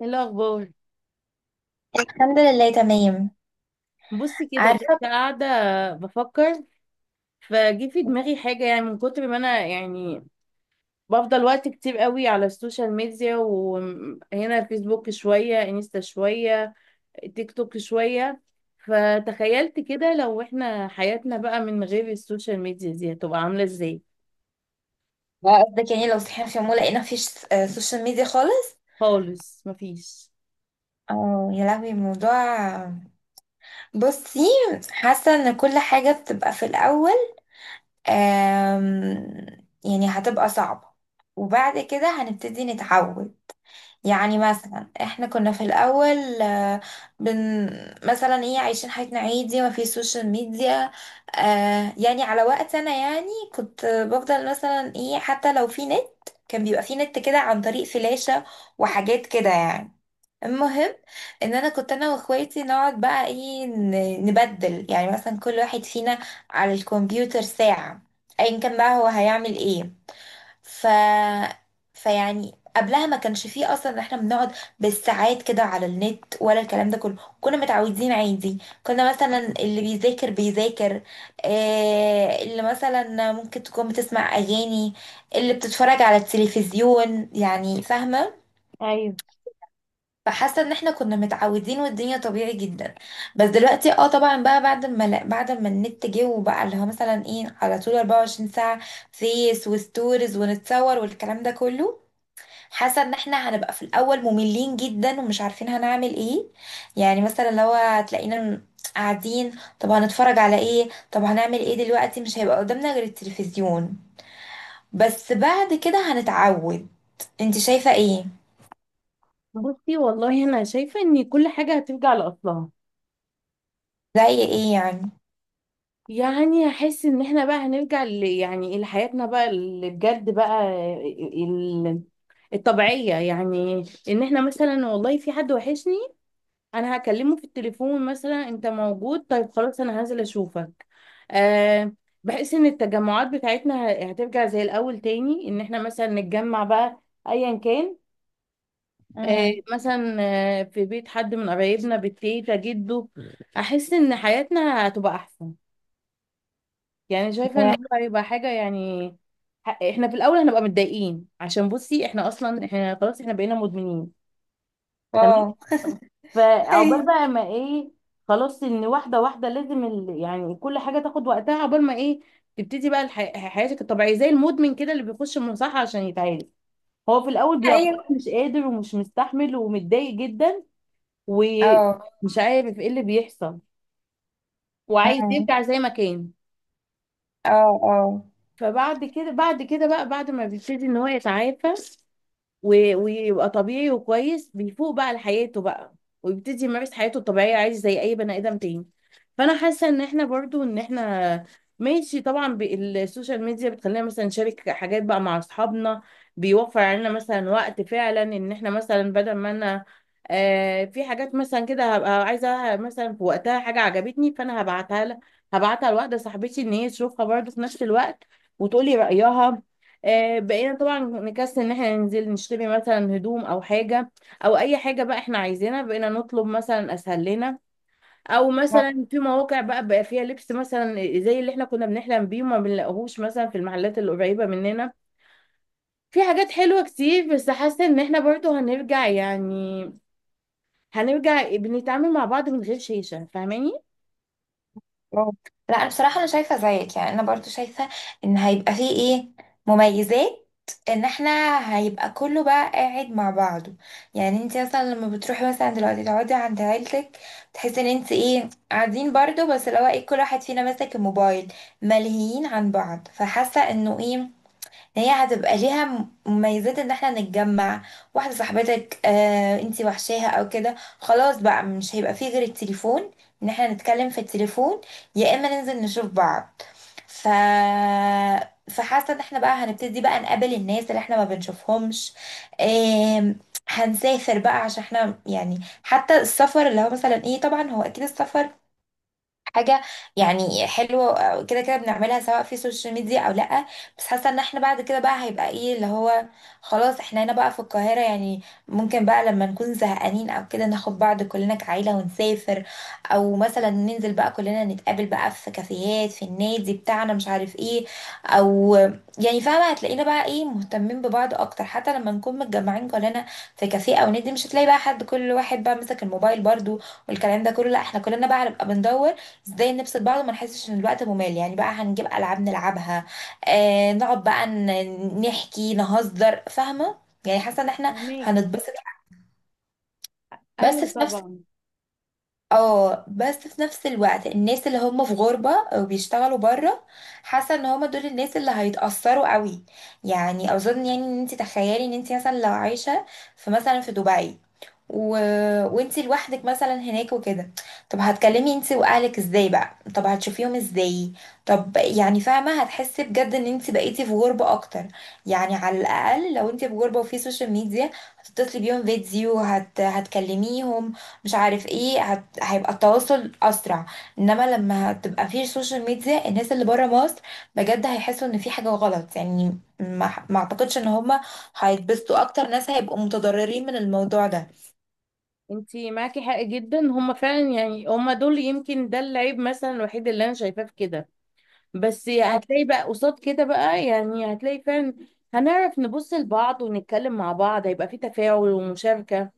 ايه الاخبار؟ الحمد لله تمام. بصي كده، كنت عارفة. قاعده بفكر. فجي في دماغي حاجه، يعني من كتر ما انا يعني بفضل وقت كتير قوي على السوشيال ميديا، وهنا فيسبوك شويه، انستا شويه، تيك توك شويه. فتخيلت كده لو احنا حياتنا بقى من غير السوشيال ميديا دي، هتبقى عامله ازاي. بقى قصدك يعني لو صحينا في يوم ولقينا مفيش سوشيال ميديا خالص. خالص مفيش. اه يا لهوي الموضوع. بصي، حاسة ان كل حاجة بتبقى في الأول، آم، يعني هتبقى صعبة، وبعد كده هنبتدي نتعود. يعني مثلا احنا كنا في الاول بن مثلا ايه عايشين حياتنا عادي ما في سوشيال ميديا. يعني على وقت انا يعني كنت بفضل مثلا ايه حتى لو في نت، كان بيبقى في نت كده عن طريق فلاشة وحاجات كده يعني. المهم ان انا كنت انا واخواتي نقعد بقى ايه نبدل، يعني مثلا كل واحد فينا على الكمبيوتر ساعة، ايا كان بقى هو هيعمل ايه. ف فيعني قبلها ما كانش فيه اصلا ان احنا بنقعد بالساعات كده على النت ولا الكلام ده كله، كنا متعودين عادي. كنا مثلا اللي بيذاكر بيذاكر، اللي مثلا ممكن تكون بتسمع اغاني، اللي بتتفرج على التلفزيون يعني فاهمة. ايوه. فحاسة ان احنا كنا متعودين والدنيا طبيعي جدا. بس دلوقتي اه طبعا بقى بعد ما النت جه، وبقى اللي هو مثلا ايه على طول 24 ساعة فيس وستوريز ونتصور والكلام ده كله. حاسه ان احنا هنبقى في الاول مملين جدا ومش عارفين هنعمل ايه. يعني مثلا لو هتلاقينا قاعدين، طب هنتفرج على ايه؟ طب هنعمل ايه دلوقتي؟ مش هيبقى قدامنا غير التلفزيون. بس بعد كده هنتعود. انت شايفه ايه؟ بصي والله، انا شايفه ان كل حاجه هترجع لاصلها. زي ايه يعني؟ يعني هحس ان احنا بقى هنرجع يعني لحياتنا بقى اللي بجد بقى، ال... الطبيعية يعني. ان احنا مثلا والله في حد وحشني، انا هكلمه في التليفون مثلا، انت موجود؟ طيب خلاص انا هنزل اشوفك. أه. بحس ان التجمعات بتاعتنا هترجع زي الاول تاني، ان احنا مثلا نتجمع بقى ايا كان. أه، امم. مثلا في بيت حد من قرايبنا، بالتيتا، جده. احس ان حياتنا هتبقى احسن، يعني شايفة ان هو هيبقى حاجة يعني. احنا في الاول هنبقى متضايقين، عشان بصي احنا اصلا احنا خلاص احنا بقينا مدمنين. تمام. اه. فعقبال بقى ما ايه، خلاص، ان واحدة واحدة لازم يعني كل حاجة تاخد وقتها، عقبال ما ايه تبتدي بقى حياتك الطبيعية. زي المدمن كده اللي بيخش المصحة عشان يتعالج، هو في الاول بيبقى خلاص ايوه. مش قادر ومش مستحمل ومتضايق جدا، اه. ومش عارف ايه اللي بيحصل، وعايز امم. يرجع زي ما كان. اه. اه. فبعد كده بعد كده بقى بعد ما بيبتدي ان هو يتعافى ويبقى طبيعي وكويس، بيفوق بقى لحياته بقى، ويبتدي يمارس حياته الطبيعية عادي زي أي بني آدم تاني. فأنا حاسة إن إحنا برضو، إن إحنا ماشي، طبعا بالسوشيال ميديا بتخلينا مثلا نشارك حاجات بقى مع أصحابنا، بيوفر علينا مثلا وقت فعلا، إن إحنا مثلا بدل ما أنا في حاجات مثلا كده هبقى عايزة، مثلا في وقتها حاجة عجبتني فأنا هبعتها لها، هبعتها لواحدة صاحبتي إن هي تشوفها برضو في نفس الوقت وتقولي رأيها. بقينا طبعا نكسل ان احنا ننزل نشتري مثلا هدوم او حاجة، او اي حاجة بقى احنا عايزينها، بقينا نطلب مثلا، اسهل لنا. او مثلا في مواقع بقى فيها لبس مثلا زي اللي احنا كنا بنحلم بيه وما بنلاقيهوش مثلا في المحلات اللي قريبة مننا. في حاجات حلوة كتير، بس حاسة ان احنا برضو هنرجع، يعني هنرجع بنتعامل مع بعض من غير شيشة. فاهماني؟ برافو. لا انا بصراحه انا شايفه زيك، يعني انا برضو شايفه ان هيبقى فيه ايه مميزات، ان احنا هيبقى كله بقى قاعد مع بعضه. يعني انت مثلا لما بتروحي مثلا دلوقتي تقعدي عند عيلتك، تحسي ان انت ايه قاعدين برضو بس اللي هو ايه كل واحد فينا ماسك الموبايل، ملهيين عن بعض. فحاسه انه ايه، هي هتبقى ليها مميزات ان احنا نتجمع. واحدة صاحبتك انتي وحشاها او كده، خلاص بقى مش هيبقى فيه غير التليفون، ان احنا نتكلم في التليفون، يا اما ننزل نشوف بعض. ف فحاسة ان احنا بقى هنبتدي بقى نقابل الناس اللي احنا ما بنشوفهمش، آم، هنسافر بقى عشان احنا يعني. حتى السفر اللي هو مثلا ايه طبعا هو اكيد السفر حاجة يعني حلوة، كده كده بنعملها سواء في السوشيال ميديا او لأ. بس حاسة ان احنا بعد كده بقى هيبقى ايه اللي هو، خلاص احنا هنا بقى في القاهرة يعني، ممكن بقى لما نكون زهقانين او كده ناخد بعض كلنا كعيلة ونسافر، او مثلا ننزل بقى كلنا نتقابل بقى في كافيهات في النادي بتاعنا مش عارف ايه، او يعني فاهمة هتلاقينا بقى ايه مهتمين ببعض اكتر. حتى لما نكون متجمعين كلنا في كافيه او نادي، مش هتلاقي بقى حد كل واحد بقى مسك الموبايل برضو والكلام ده كله. لا احنا كلنا بقى هنبقى بندور ازاي نبسط بعض وما نحسش ان الوقت ممل. يعني بقى هنجيب العاب نلعبها، آه نقعد بقى نحكي نهزر فاهمه. يعني حاسه ان احنا فهماكي. هنتبسط. بس ايوه في نفس طبعا. اه بس في نفس الوقت الناس اللي هم في غربه او بيشتغلوا بره، حاسه ان هم دول الناس اللي هيتاثروا قوي. يعني اظن يعني، ان انت تخيلي ان انت مثلا لو عايشه في مثلا في دبي و... وانتي لوحدك مثلا هناك وكده، طب هتكلمي انتي واهلك ازاي بقى؟ طب هتشوفيهم ازاي؟ طب يعني فاهمه هتحسي بجد ان انتي بقيتي في غربه اكتر. يعني على الاقل لو انتي في غربه وفي سوشيال ميديا، هتتصلي بيهم فيديو هتكلميهم مش عارف ايه، هيبقى التواصل اسرع. انما لما هتبقى في سوشيال ميديا الناس اللي بره مصر، بجد هيحسوا ان في حاجه غلط يعني، ما اعتقدش ان هما هيتبسطوا اكتر، ناس هيبقوا متضررين من الموضوع ده. انتي معاكي حق جدا، هما فعلا يعني هما دول يمكن ده العيب مثلا الوحيد اللي انا شايفاه في كده. بس هتلاقي بقى قصاد كده بقى يعني هتلاقي فعلا هنعرف نبص لبعض ونتكلم مع بعض، هيبقى في تفاعل ومشاركة.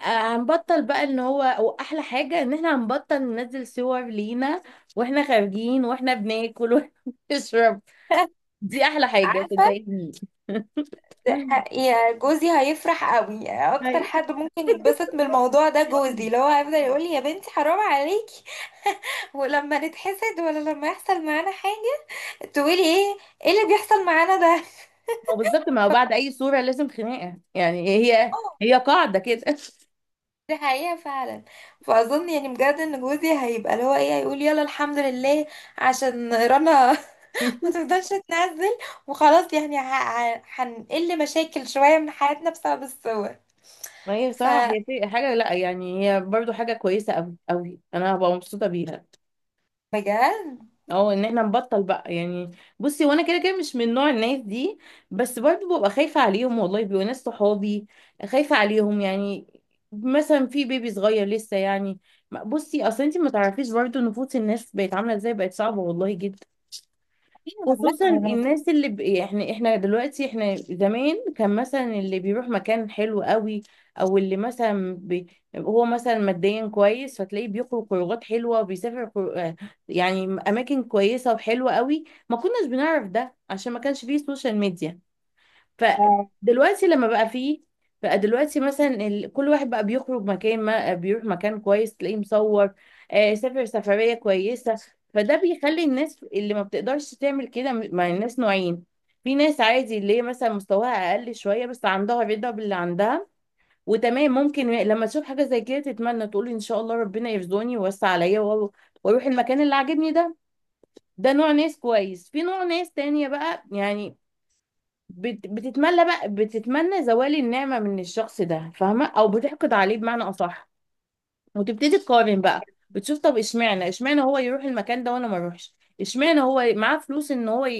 هنبطل بقى ان هو، واحلى حاجة ان احنا هنبطل ننزل صور لينا واحنا خارجين، واحنا بناكل، واحنا بنشرب. دي احلى حاجة، عارفة. صدقيني. يا جوزي هيفرح قوي، اكتر أيوة. حد ممكن يتبسط من الموضوع ده جوزي، لو هو هيفضل يقول لي يا بنتي حرام عليكي ولما نتحسد ولا لما يحصل معانا حاجة، تقولي ايه؟ ايه اللي بيحصل معانا ده؟ ما هو بالظبط، ما هو بعد اي صورة لازم خناقة، يعني هي، اه. هي قاعدة كده. دي حقيقة فعلا. فأظن يعني بجد إن جوزي هيبقى اللي هو إيه، هيقول يلا الحمد لله عشان رنا ما تفضلش تنزل، وخلاص يعني هنقل مشاكل شوية من حياتنا بسبب الصور. ما هي ف صراحة هي حاجة، لا يعني هي برضو حاجة كويسة أوي أوي، أنا هبقى مبسوطة بيها. بجد. اه، ان احنا نبطل بقى يعني. بصي، وانا كده كده مش من نوع الناس دي، بس برضه ببقى خايفة عليهم والله، بيبقوا ناس صحابي، خايفة عليهم يعني، مثلا في بيبي صغير لسه يعني. بصي اصل انت ما تعرفيش برضه، نفوس الناس بقت عاملة ازاي، بقت صعبة والله. لا خصوصا انا. الناس احنا دلوقتي، احنا زمان كان مثلا اللي بيروح مكان حلو قوي، او اللي هو مثلا ماديا كويس، فتلاقيه بيخرج خروجات حلوه وبيسافر خر... آه، يعني اماكن كويسه وحلوه قوي. ما كناش بنعرف ده عشان ما كانش فيه سوشيال ميديا. آه، فدلوقتي لما بقى فيه، بقى دلوقتي مثلا كل واحد بقى بيخرج مكان ما، بيروح مكان كويس تلاقيه مصور، سافر سفرية كويسة. فده بيخلي الناس اللي ما بتقدرش تعمل كده مع الناس نوعين. في ناس عادي اللي هي مثلا مستواها أقل شوية، بس عندها رضا باللي عندها وتمام، ممكن لما تشوف حاجة زي كده تتمنى، تقول إن شاء الله ربنا يرزقني ويوسع عليا وأروح المكان اللي عاجبني ده. ده نوع ناس كويس. في نوع ناس تانية بقى يعني بتتملى بقى، بتتمنى زوال النعمة من الشخص ده، فاهمة؟ او بتحقد عليه بمعنى اصح، وتبتدي تقارن بقى، بتشوف، طب اشمعنى، اشمعنى هو يروح المكان ده وانا ما اروحش، اشمعنى هو معاه فلوس ان هو ي...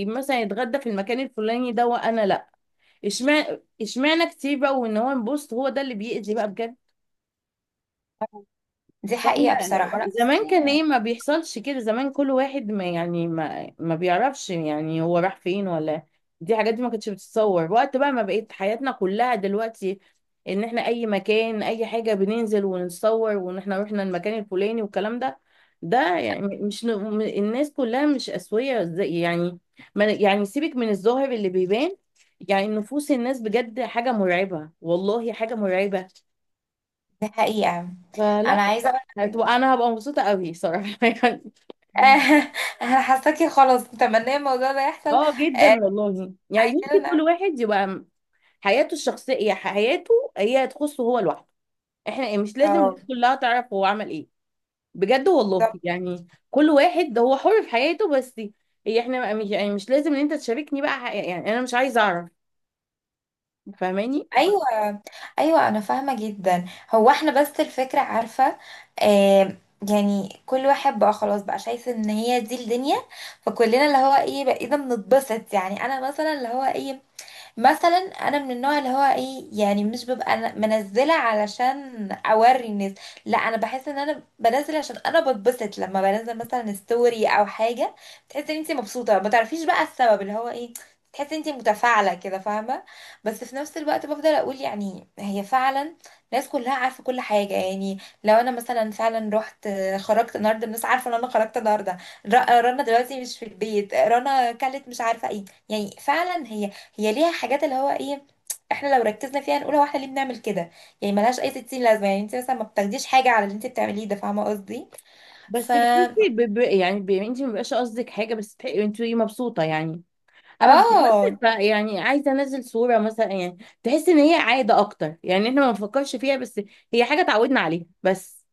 ي... مثلا يتغدى في المكان الفلاني ده وانا لا. اشمعنى، اشمعنى كتير بقى، وان هو بص، هو ده اللي بيأذي بقى بجد. دي فاحنا حقيقة بصراحة ورق زمان كان ايه، أصلية. ما بيحصلش كده. زمان كل واحد ما يعني ما بيعرفش يعني هو راح فين ولا. دي حاجات دي ما كانتش بتتصور. وقت بقى ما بقيت حياتنا كلها دلوقتي ان احنا اي مكان، اي حاجة، بننزل ونتصور، وان احنا رحنا المكان الفلاني والكلام ده. ده يعني مش الناس كلها مش اسوية زي يعني، ما يعني سيبك من الظاهر اللي بيبان. يعني نفوس الناس بجد حاجة مرعبة والله، حاجة مرعبة. دي حقيقة. أنا فلا، عايزة أقول لك إنه هتبقى، انا هبقى مبسوطه قوي صراحه يعني. أنا حاساكي خلاص متمنية الموضوع ده يحصل. اه آه، جدا والله، يعني عايزين يمكن كل نعمل- واحد يبقى حياته الشخصيه، حياته هي تخصه هو لوحده، احنا مش لازم اه. الناس كلها تعرف هو عمل ايه. بجد والله بالظبط. يعني كل واحد، ده هو حر في حياته بس. هي احنا بقى مش يعني مش لازم ان انت تشاركني بقى، يعني انا مش عايزه اعرف. فاهماني؟ أيوة. أيوة أنا فاهمة جدا. هو إحنا بس الفكرة عارفة، آه، يعني كل واحد بقى خلاص بقى شايف إن هي دي الدنيا، فكلنا اللي هو إيه بقينا بنتبسط. يعني أنا مثلا اللي هو إيه، مثلا، انا من النوع اللي هو ايه يعني مش ببقى أنا منزله علشان اوري الناس. لا، انا بحس ان انا بنزل عشان انا بتبسط لما بنزل مثلا ستوري او حاجه. بتحسي ان انت مبسوطه ما تعرفيش بقى السبب اللي هو ايه، تحسي ان انت متفاعله كده فاهمه. بس في نفس الوقت بفضل اقول يعني هي فعلا، الناس كلها عارفه كل حاجه يعني. لو انا مثلا فعلا رحت، خرجت النهارده، الناس عارفه ان انا خرجت النهارده. رنا دلوقتي مش في البيت، رنا كلت مش عارفه ايه. يعني فعلا هي، هي ليها حاجات اللي هو ايه، احنا لو ركزنا فيها نقول هو احنا ليه بنعمل كده؟ يعني ملهاش اي 60 لازمه. يعني انت مثلا ما بتاخديش حاجه على اللي انت بتعمليه ده، فاهمه قصدي. ف بس بتحسي انت ما بيبقاش قصدك حاجه بس انت مبسوطه يعني. انا بالظبط. اه، يعني عايزه انزل صوره مثلا يعني، تحس ان هي عاده اكتر، يعني احنا ما بنفكرش فيها، بس هي حاجه اتعودنا عليها بس.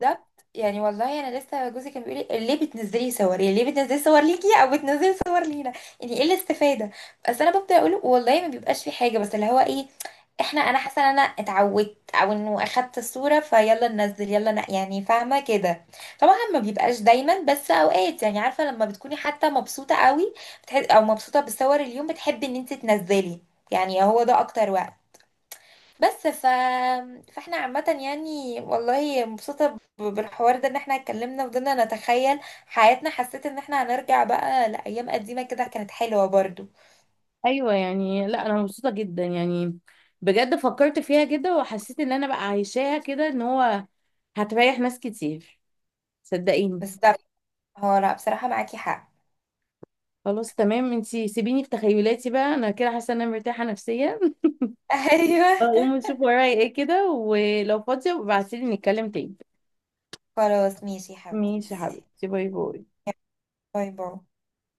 بالظبط. يعني والله انا لسه جوزي كان بيقول لي ليه بتنزلي صور؟ يعني ليه بتنزلي صور ليكي او بتنزلي صور لينا؟ يعني ايه الاستفاده؟ بس انا ببدا اقول له والله ما بيبقاش في حاجه، بس اللي هو ايه، انا حاسه ان انا اتعودت او انه اخدت الصوره فيلا ننزل يلا يعني فاهمه كده. طبعا ما بيبقاش دايما بس اوقات، يعني عارفه لما بتكوني حتى مبسوطه قوي او مبسوطه بالصور اليوم بتحبي ان انت تنزلي، يعني هو ده اكتر وقت. بس فاحنا عامة يعني والله مبسوطة بالحوار ده، ان احنا اتكلمنا وفضلنا نتخيل حياتنا. حسيت ان احنا هنرجع بقى لأيام قديمة كده كانت حلوة برضو. ايوه يعني. لا انا مبسوطه جدا يعني، بجد فكرت فيها كده وحسيت ان انا بقى عايشاها كده، ان هو هتريح ناس كتير، صدقيني. بس ده، هو لا بصراحة معاكي حق. خلاص تمام، انتي سيبيني في تخيلاتي بقى، انا كده حاسه ان انا مرتاحه نفسيا. ايوه. اقوم اشوف ورايا ايه كده، ولو فاضيه ابعتيلي نتكلم تاني. خلاص ماشي يا ماشي يا حبيبتي، حبيبتي، باي باي. باي باي.